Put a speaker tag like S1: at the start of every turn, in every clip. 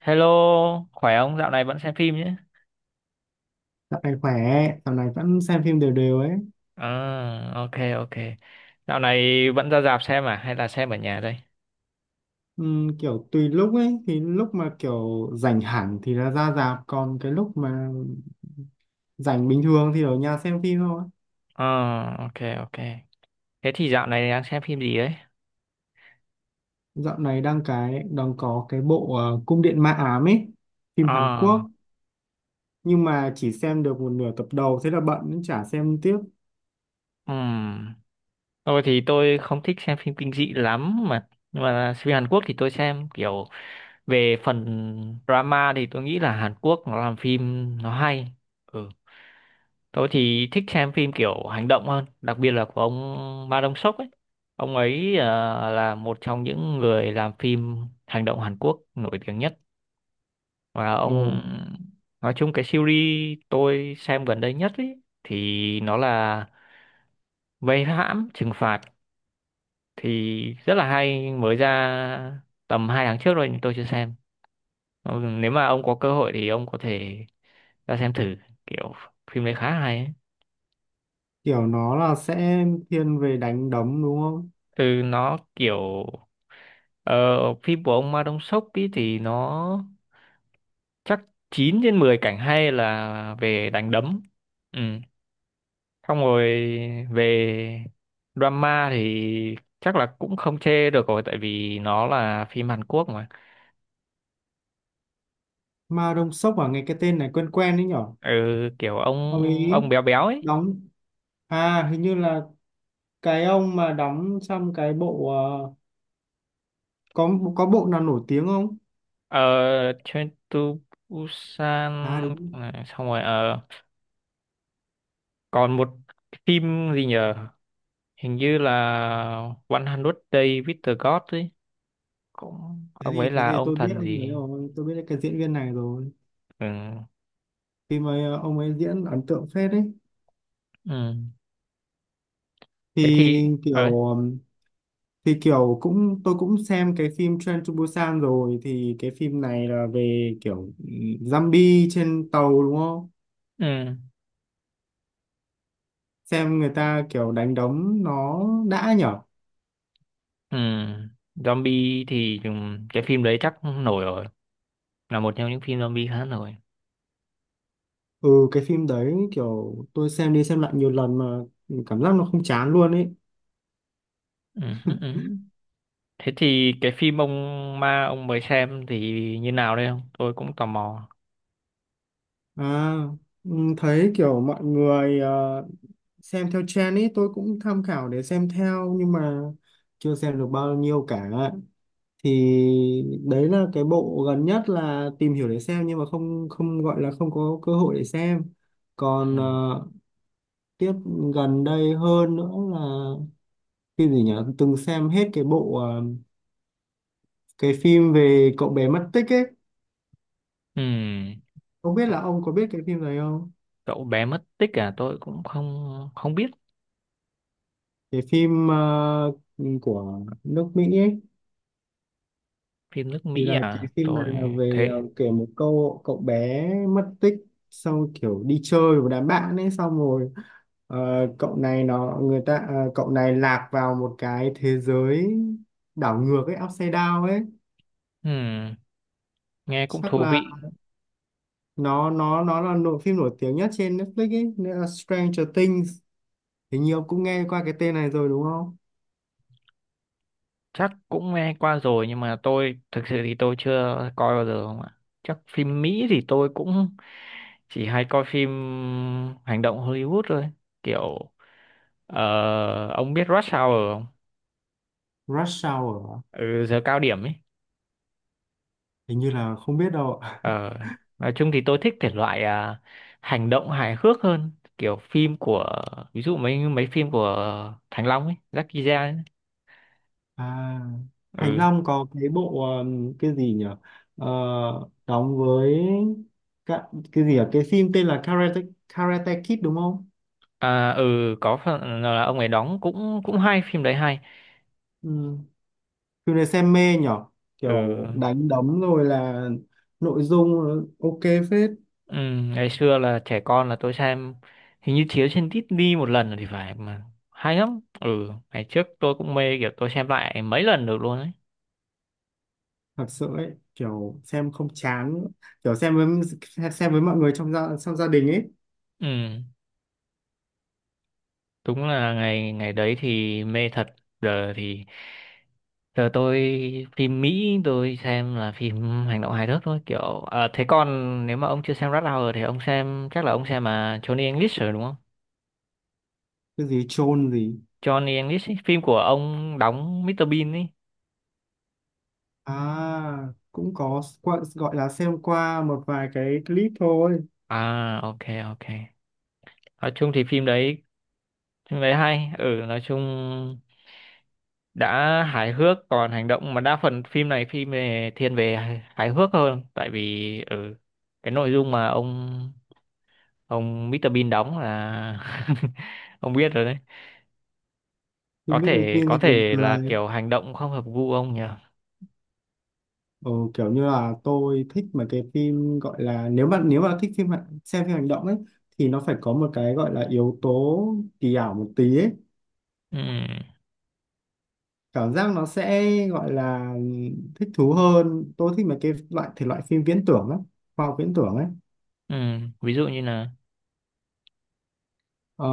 S1: Hello, khỏe không? Dạo này vẫn xem phim nhé.
S2: Dạo này khỏe, dạo này vẫn xem phim đều đều ấy.
S1: À, ok, ok. Dạo này vẫn ra rạp xem à? Hay là xem ở nhà đây?
S2: Kiểu tùy lúc ấy, thì lúc mà kiểu rảnh hẳn thì là ra rạp, còn cái lúc mà rảnh bình thường thì ở nhà xem phim thôi.
S1: À, ok, ok. Thế thì dạo này đang xem phim gì đấy?
S2: Dạo này đang có cái bộ Cung điện ma ám ấy, phim Hàn Quốc,
S1: À,
S2: nhưng mà chỉ xem được một nửa tập đầu thế là bận nên chả xem tiếp.
S1: ừm. Tôi thì tôi không thích xem phim kinh dị lắm mà. Nhưng mà phim Hàn Quốc thì tôi xem kiểu về phần drama thì tôi nghĩ là Hàn Quốc nó làm phim nó hay. Ừ. Tôi thì thích xem phim kiểu hành động hơn, đặc biệt là của ông Ma Dong Seok ấy. Ông ấy là một trong những người làm phim hành động Hàn Quốc nổi tiếng nhất. Và ông
S2: Ồ,
S1: nói chung cái series tôi xem gần đây nhất ấy thì nó là Vây hãm trừng phạt thì rất là hay, mới ra tầm hai tháng trước rồi nhưng tôi chưa xem. Ừ, nếu mà ông có cơ hội thì ông có thể ra xem thử, kiểu phim đấy khá hay ấy.
S2: kiểu nó là sẽ thiên về đánh đấm đúng không?
S1: Ừ, nó kiểu Ờ, phim của ông Ma Đông Sốc ý thì nó chắc 9 trên 10 cảnh hay là về đánh đấm. Ừ. Xong rồi về drama thì chắc là cũng không chê được rồi, tại vì nó là phim Hàn Quốc mà.
S2: Ma Đông Sốc à, nghe cái tên này quen quen đấy nhở?
S1: Ừ, kiểu ông
S2: Ông ấy
S1: ông béo béo ấy.
S2: đóng, à hình như là cái ông mà đóng trong cái bộ có bộ nào nổi tiếng không?
S1: Ờ, Train to Busan.
S2: À đúng.
S1: À, xong rồi còn một phim gì nhờ? Hình như là 100 Days with the God ấy, cũng
S2: thế
S1: ông
S2: thì
S1: ấy
S2: thế
S1: là
S2: thì
S1: ông
S2: tôi biết
S1: thần
S2: ông đấy
S1: gì.
S2: rồi, tôi biết cái diễn viên này rồi.
S1: Ừ,
S2: Khi mà ông ấy diễn ấn tượng phết đấy.
S1: ừ, thế
S2: thì
S1: thì ấy,
S2: kiểu ừm, thì kiểu cũng, tôi cũng xem cái phim Train to Busan rồi, thì cái phim này là về kiểu, zombie trên tàu đúng không?
S1: ừ,
S2: Xem người ta kiểu đánh đấm nó đã nhở.
S1: ừ. Zombie thì cái phim đấy chắc nổi rồi, là một trong những phim zombie khá nổi.
S2: Ừ, cái phim đấy kiểu tôi xem đi xem lại nhiều lần mà cảm giác nó không chán luôn ấy.
S1: Ừ. Ừ. Ừ. Thế thì cái phim ông ma ông mới xem thì như nào đây, không tôi cũng tò mò.
S2: À, ừ, thấy kiểu mọi người xem theo trend ấy, tôi cũng tham khảo để xem theo nhưng mà chưa xem được bao nhiêu cả. Thì đấy là cái bộ gần nhất là tìm hiểu để xem nhưng mà không không gọi là không có cơ hội để xem. Còn
S1: Ừ,
S2: tiếp, gần đây hơn nữa là phim gì nhỉ, từng xem hết cái bộ cái phim về cậu bé mất tích ấy,
S1: ừ,
S2: không biết
S1: cậu,
S2: là ông có biết cái phim này không.
S1: cậu bé mất tích à, tôi cũng không không biết.
S2: Cái phim của nước Mỹ ấy,
S1: Phim nước
S2: thì
S1: Mỹ
S2: là
S1: à,
S2: cái phim này
S1: tôi
S2: là về
S1: thế,
S2: kể một câu cậu bé mất tích, sau kiểu đi chơi với đám bạn ấy xong rồi, ờ, cậu này nó người ta ờ, cậu này lạc vào một cái thế giới đảo ngược ấy, upside down ấy.
S1: ừ, nghe cũng
S2: Chắc
S1: thú
S2: là
S1: vị.
S2: nó là nội phim nổi tiếng nhất trên Netflix ấy, nên là Stranger Things, hình như ông cũng nghe qua cái tên này rồi đúng không?
S1: Chắc cũng nghe qua rồi nhưng mà tôi thực sự thì tôi chưa coi bao giờ không ạ. Chắc phim Mỹ thì tôi cũng chỉ hay coi phim hành động Hollywood thôi, kiểu ông biết Rush Hour không?
S2: Rush Hour à?
S1: Ừ, giờ cao điểm ấy.
S2: Hình như là không biết đâu ạ.
S1: Ờ, nói chung thì tôi thích thể loại hành động hài hước hơn, kiểu phim của, ví dụ mấy mấy phim của Thành Long ấy, Jackie Chan ấy.
S2: À, Thành
S1: Ừ.
S2: Long có cái bộ cái gì nhỉ? Ờ, đóng với cả, cái gì ở cái phim tên là Karate Kid đúng không?
S1: À, ừ, có phần là ông ấy đóng cũng cũng hay, phim đấy hay.
S2: Ừ. Phim này xem mê nhỉ?
S1: Ừ.
S2: Kiểu đánh đấm rồi là nội dung ok phết.
S1: Ừ, ngày xưa là trẻ con là tôi xem, hình như chiếu trên Disney một lần rồi thì phải mà hay lắm. Ừ, ngày trước tôi cũng mê, kiểu tôi xem lại mấy lần được luôn ấy.
S2: Thật sự ấy kiểu xem không chán, kiểu xem với mọi người trong gia đình ấy.
S1: Ừ, đúng là ngày ngày đấy thì mê thật. Giờ thì giờ tôi, phim Mỹ tôi xem là phim hành động hài hước thôi, kiểu thế còn nếu mà ông chưa xem Rush Hour thì ông xem chắc là ông xem mà Johnny English rồi đúng không?
S2: Cái gì chôn gì?
S1: Johnny English ấy, phim của ông đóng Mr Bean ấy.
S2: À, cũng có qua- gọi là xem qua một vài cái clip thôi.
S1: À, ok, ok. Nói chung thì phim đấy hay, ừ, nói chung đã hài hước còn hành động, mà đa phần phim này phim về thiên về hài hài hước hơn, tại vì ừ cái nội dung mà ông Mr Bean đóng là ông biết rồi đấy. Có
S2: Phim biết được
S1: thể
S2: phim
S1: có
S2: thì buồn
S1: thể là
S2: cười.
S1: kiểu hành động không hợp gu ông nhỉ.
S2: Ờ, kiểu như là tôi thích mà, cái phim gọi là, nếu bạn, nếu bạn thích phim hành- xem phim hành động ấy, thì nó phải có một cái gọi là yếu tố kỳ ảo một tí ấy,
S1: Ừ,
S2: cảm giác nó sẽ gọi là thích thú hơn. Tôi thích mấy cái loại thể loại phim viễn tưởng lắm, khoa học viễn tưởng ấy.
S1: ừ, ví dụ như là.
S2: ờ,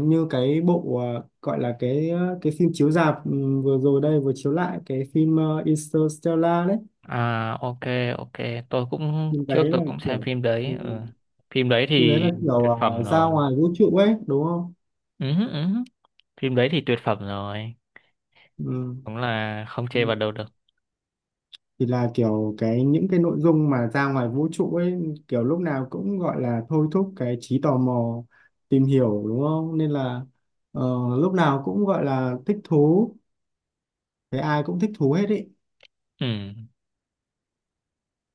S2: Như cái bộ gọi là cái phim chiếu rạp, ừ, vừa rồi đây vừa chiếu lại cái phim Interstellar đấy.
S1: À, ok, ok, tôi cũng
S2: Phim
S1: trước
S2: đấy
S1: tôi
S2: là
S1: cũng xem
S2: kiểu,
S1: phim
S2: ừ,
S1: đấy, ừ. Phim đấy
S2: phim đấy
S1: thì
S2: là kiểu,
S1: tuyệt
S2: à,
S1: phẩm
S2: ra
S1: rồi.
S2: ngoài vũ trụ ấy đúng không?
S1: Ừ, ừ. Phim đấy thì tuyệt phẩm rồi.
S2: Ừ.
S1: Đúng là không
S2: Ừ.
S1: chê vào đâu được.
S2: Thì là kiểu cái những cái nội dung mà ra ngoài vũ trụ ấy, kiểu lúc nào cũng gọi là thôi thúc cái trí tò mò tìm hiểu đúng không, nên là ờ, lúc nào cũng gọi là thích thú, cái ai cũng thích thú hết ý.
S1: Ừ.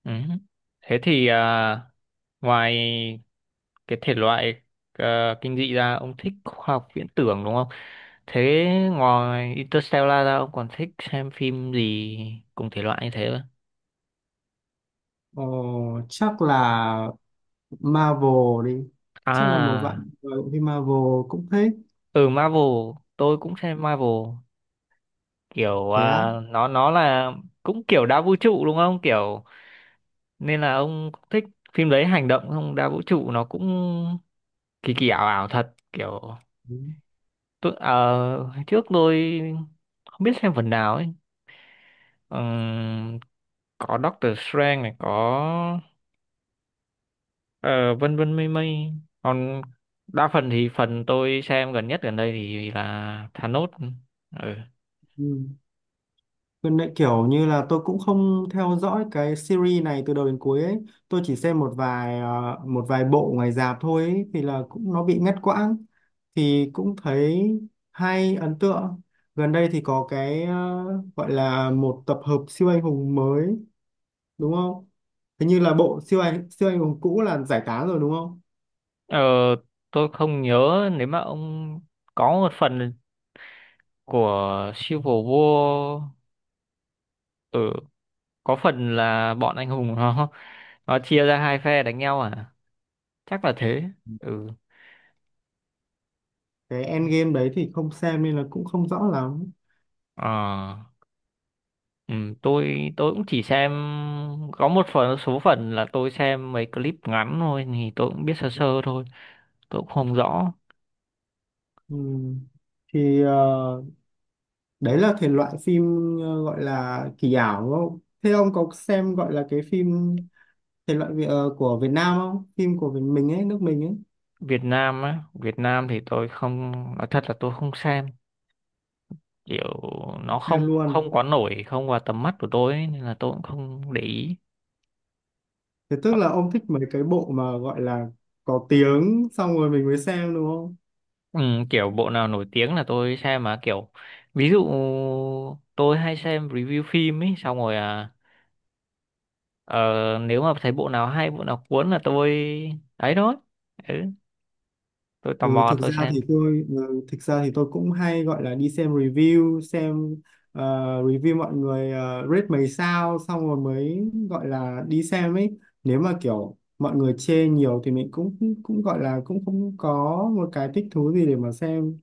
S1: Ừ. Thế thì ngoài cái thể loại kinh dị ra ông thích khoa học viễn tưởng đúng không? Thế ngoài Interstellar ra ông còn thích xem phim gì cùng thể loại như thế không?
S2: Ờ, chắc là Marvel đi, chắc là một bạn
S1: À,
S2: gọi phim Marvel cũng thích.
S1: ừ Marvel, tôi cũng xem Marvel kiểu
S2: Thế á?
S1: nó là cũng kiểu đa vũ trụ đúng không? Kiểu nên là ông thích phim đấy hành động không? Đa vũ trụ nó cũng kỳ kỳ ảo ảo thật kiểu.
S2: Ừ.
S1: Tôi, hồi trước tôi không biết xem phần nào ấy. Ừm, có Doctor Strange này, có ờ, vân vân mây mây. Còn đa phần thì phần tôi xem gần nhất gần đây thì là Thanos. Ừ.
S2: Ừ. Gần đây kiểu như là tôi cũng không theo dõi cái series này từ đầu đến cuối ấy. Tôi chỉ xem một vài một vài bộ ngoài rạp thôi ấy, thì là cũng nó bị ngắt quãng, thì cũng thấy hay, ấn tượng. Gần đây thì có cái gọi là một tập hợp siêu anh hùng mới đúng không? Thế như là bộ siêu anh hùng cũ là giải tán rồi đúng không?
S1: Ờ, tôi không nhớ, nếu mà ông có một phần của Civil War, ừ, có phần là bọn anh hùng nó chia ra hai phe đánh nhau à? Chắc là thế. Ừ.
S2: Cái Endgame đấy thì không xem nên là cũng không rõ lắm.
S1: Ờ. Ừ, tôi cũng chỉ xem có một phần số phần, là tôi xem mấy clip ngắn thôi thì tôi cũng biết sơ sơ thôi, tôi cũng không rõ.
S2: Ừ. Thì đấy là thể loại phim gọi là kỳ ảo đúng không, thế ông có xem gọi là cái phim thể loại Việt- của Việt Nam không, phim của Việt- mình ấy, nước mình ấy,
S1: Việt Nam á, Việt Nam thì tôi không, nói thật là tôi không xem, kiểu nó không
S2: xem
S1: không
S2: luôn.
S1: quá nổi, không vào tầm mắt của tôi ấy, nên là tôi cũng không để ý.
S2: Thế tức là ông thích mấy cái bộ mà gọi là có tiếng xong rồi mình mới xem đúng không?
S1: Ừ, kiểu bộ nào nổi tiếng là tôi xem mà, kiểu ví dụ tôi hay xem review phim ấy xong rồi à ờ, nếu mà thấy bộ nào hay bộ nào cuốn là tôi ấy thôi, ừ, tôi tò mò tôi xem.
S2: Thực ra thì tôi cũng hay gọi là đi xem review xem, ờ, review mọi người rate mấy sao xong rồi mới gọi là đi xem ấy. Nếu mà kiểu mọi người chê nhiều thì mình cũng cũng gọi là cũng không có một cái thích thú gì để mà xem.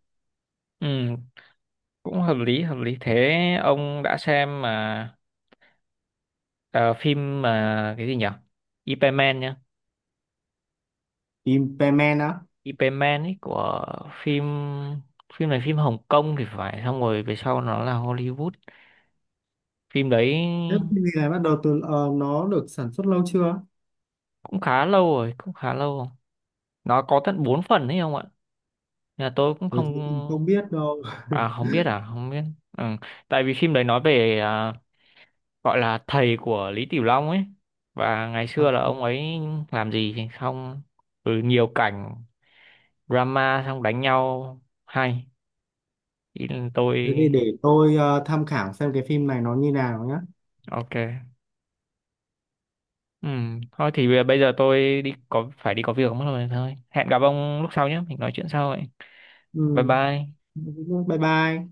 S1: Ừ, cũng hợp lý thế. Ông đã xem mà ờ, phim mà cái gì nhỉ, Ip Man nhá.
S2: Implement á?
S1: Ip Man ấy của phim phim này phim Hồng Kông thì phải, xong rồi về sau nó là Hollywood phim đấy.
S2: Thế cái gì này bắt đầu từ nó được sản xuất lâu chưa?
S1: Cũng khá lâu rồi, cũng khá lâu rồi. Nó có tận 4 phần ấy không ạ, nhà tôi cũng
S2: Ôi, thế thì không
S1: không.
S2: biết đâu.
S1: À, không biết, à, không biết. Ừ. Tại vì phim đấy nói về gọi là thầy của Lý Tiểu Long ấy, và ngày
S2: À,
S1: xưa là ông ấy làm gì thì xong, ừ, nhiều cảnh drama xong đánh nhau hay. Ý là tôi
S2: thế thì để tôi tham khảo xem cái phim này nó như nào nhá.
S1: ok. Ừ. Thôi thì bây bây giờ tôi đi, có phải đi có việc mất rồi, thôi hẹn gặp ông lúc sau nhé, mình nói chuyện sau vậy. Bye
S2: Ừ.
S1: bye.
S2: Bye bye.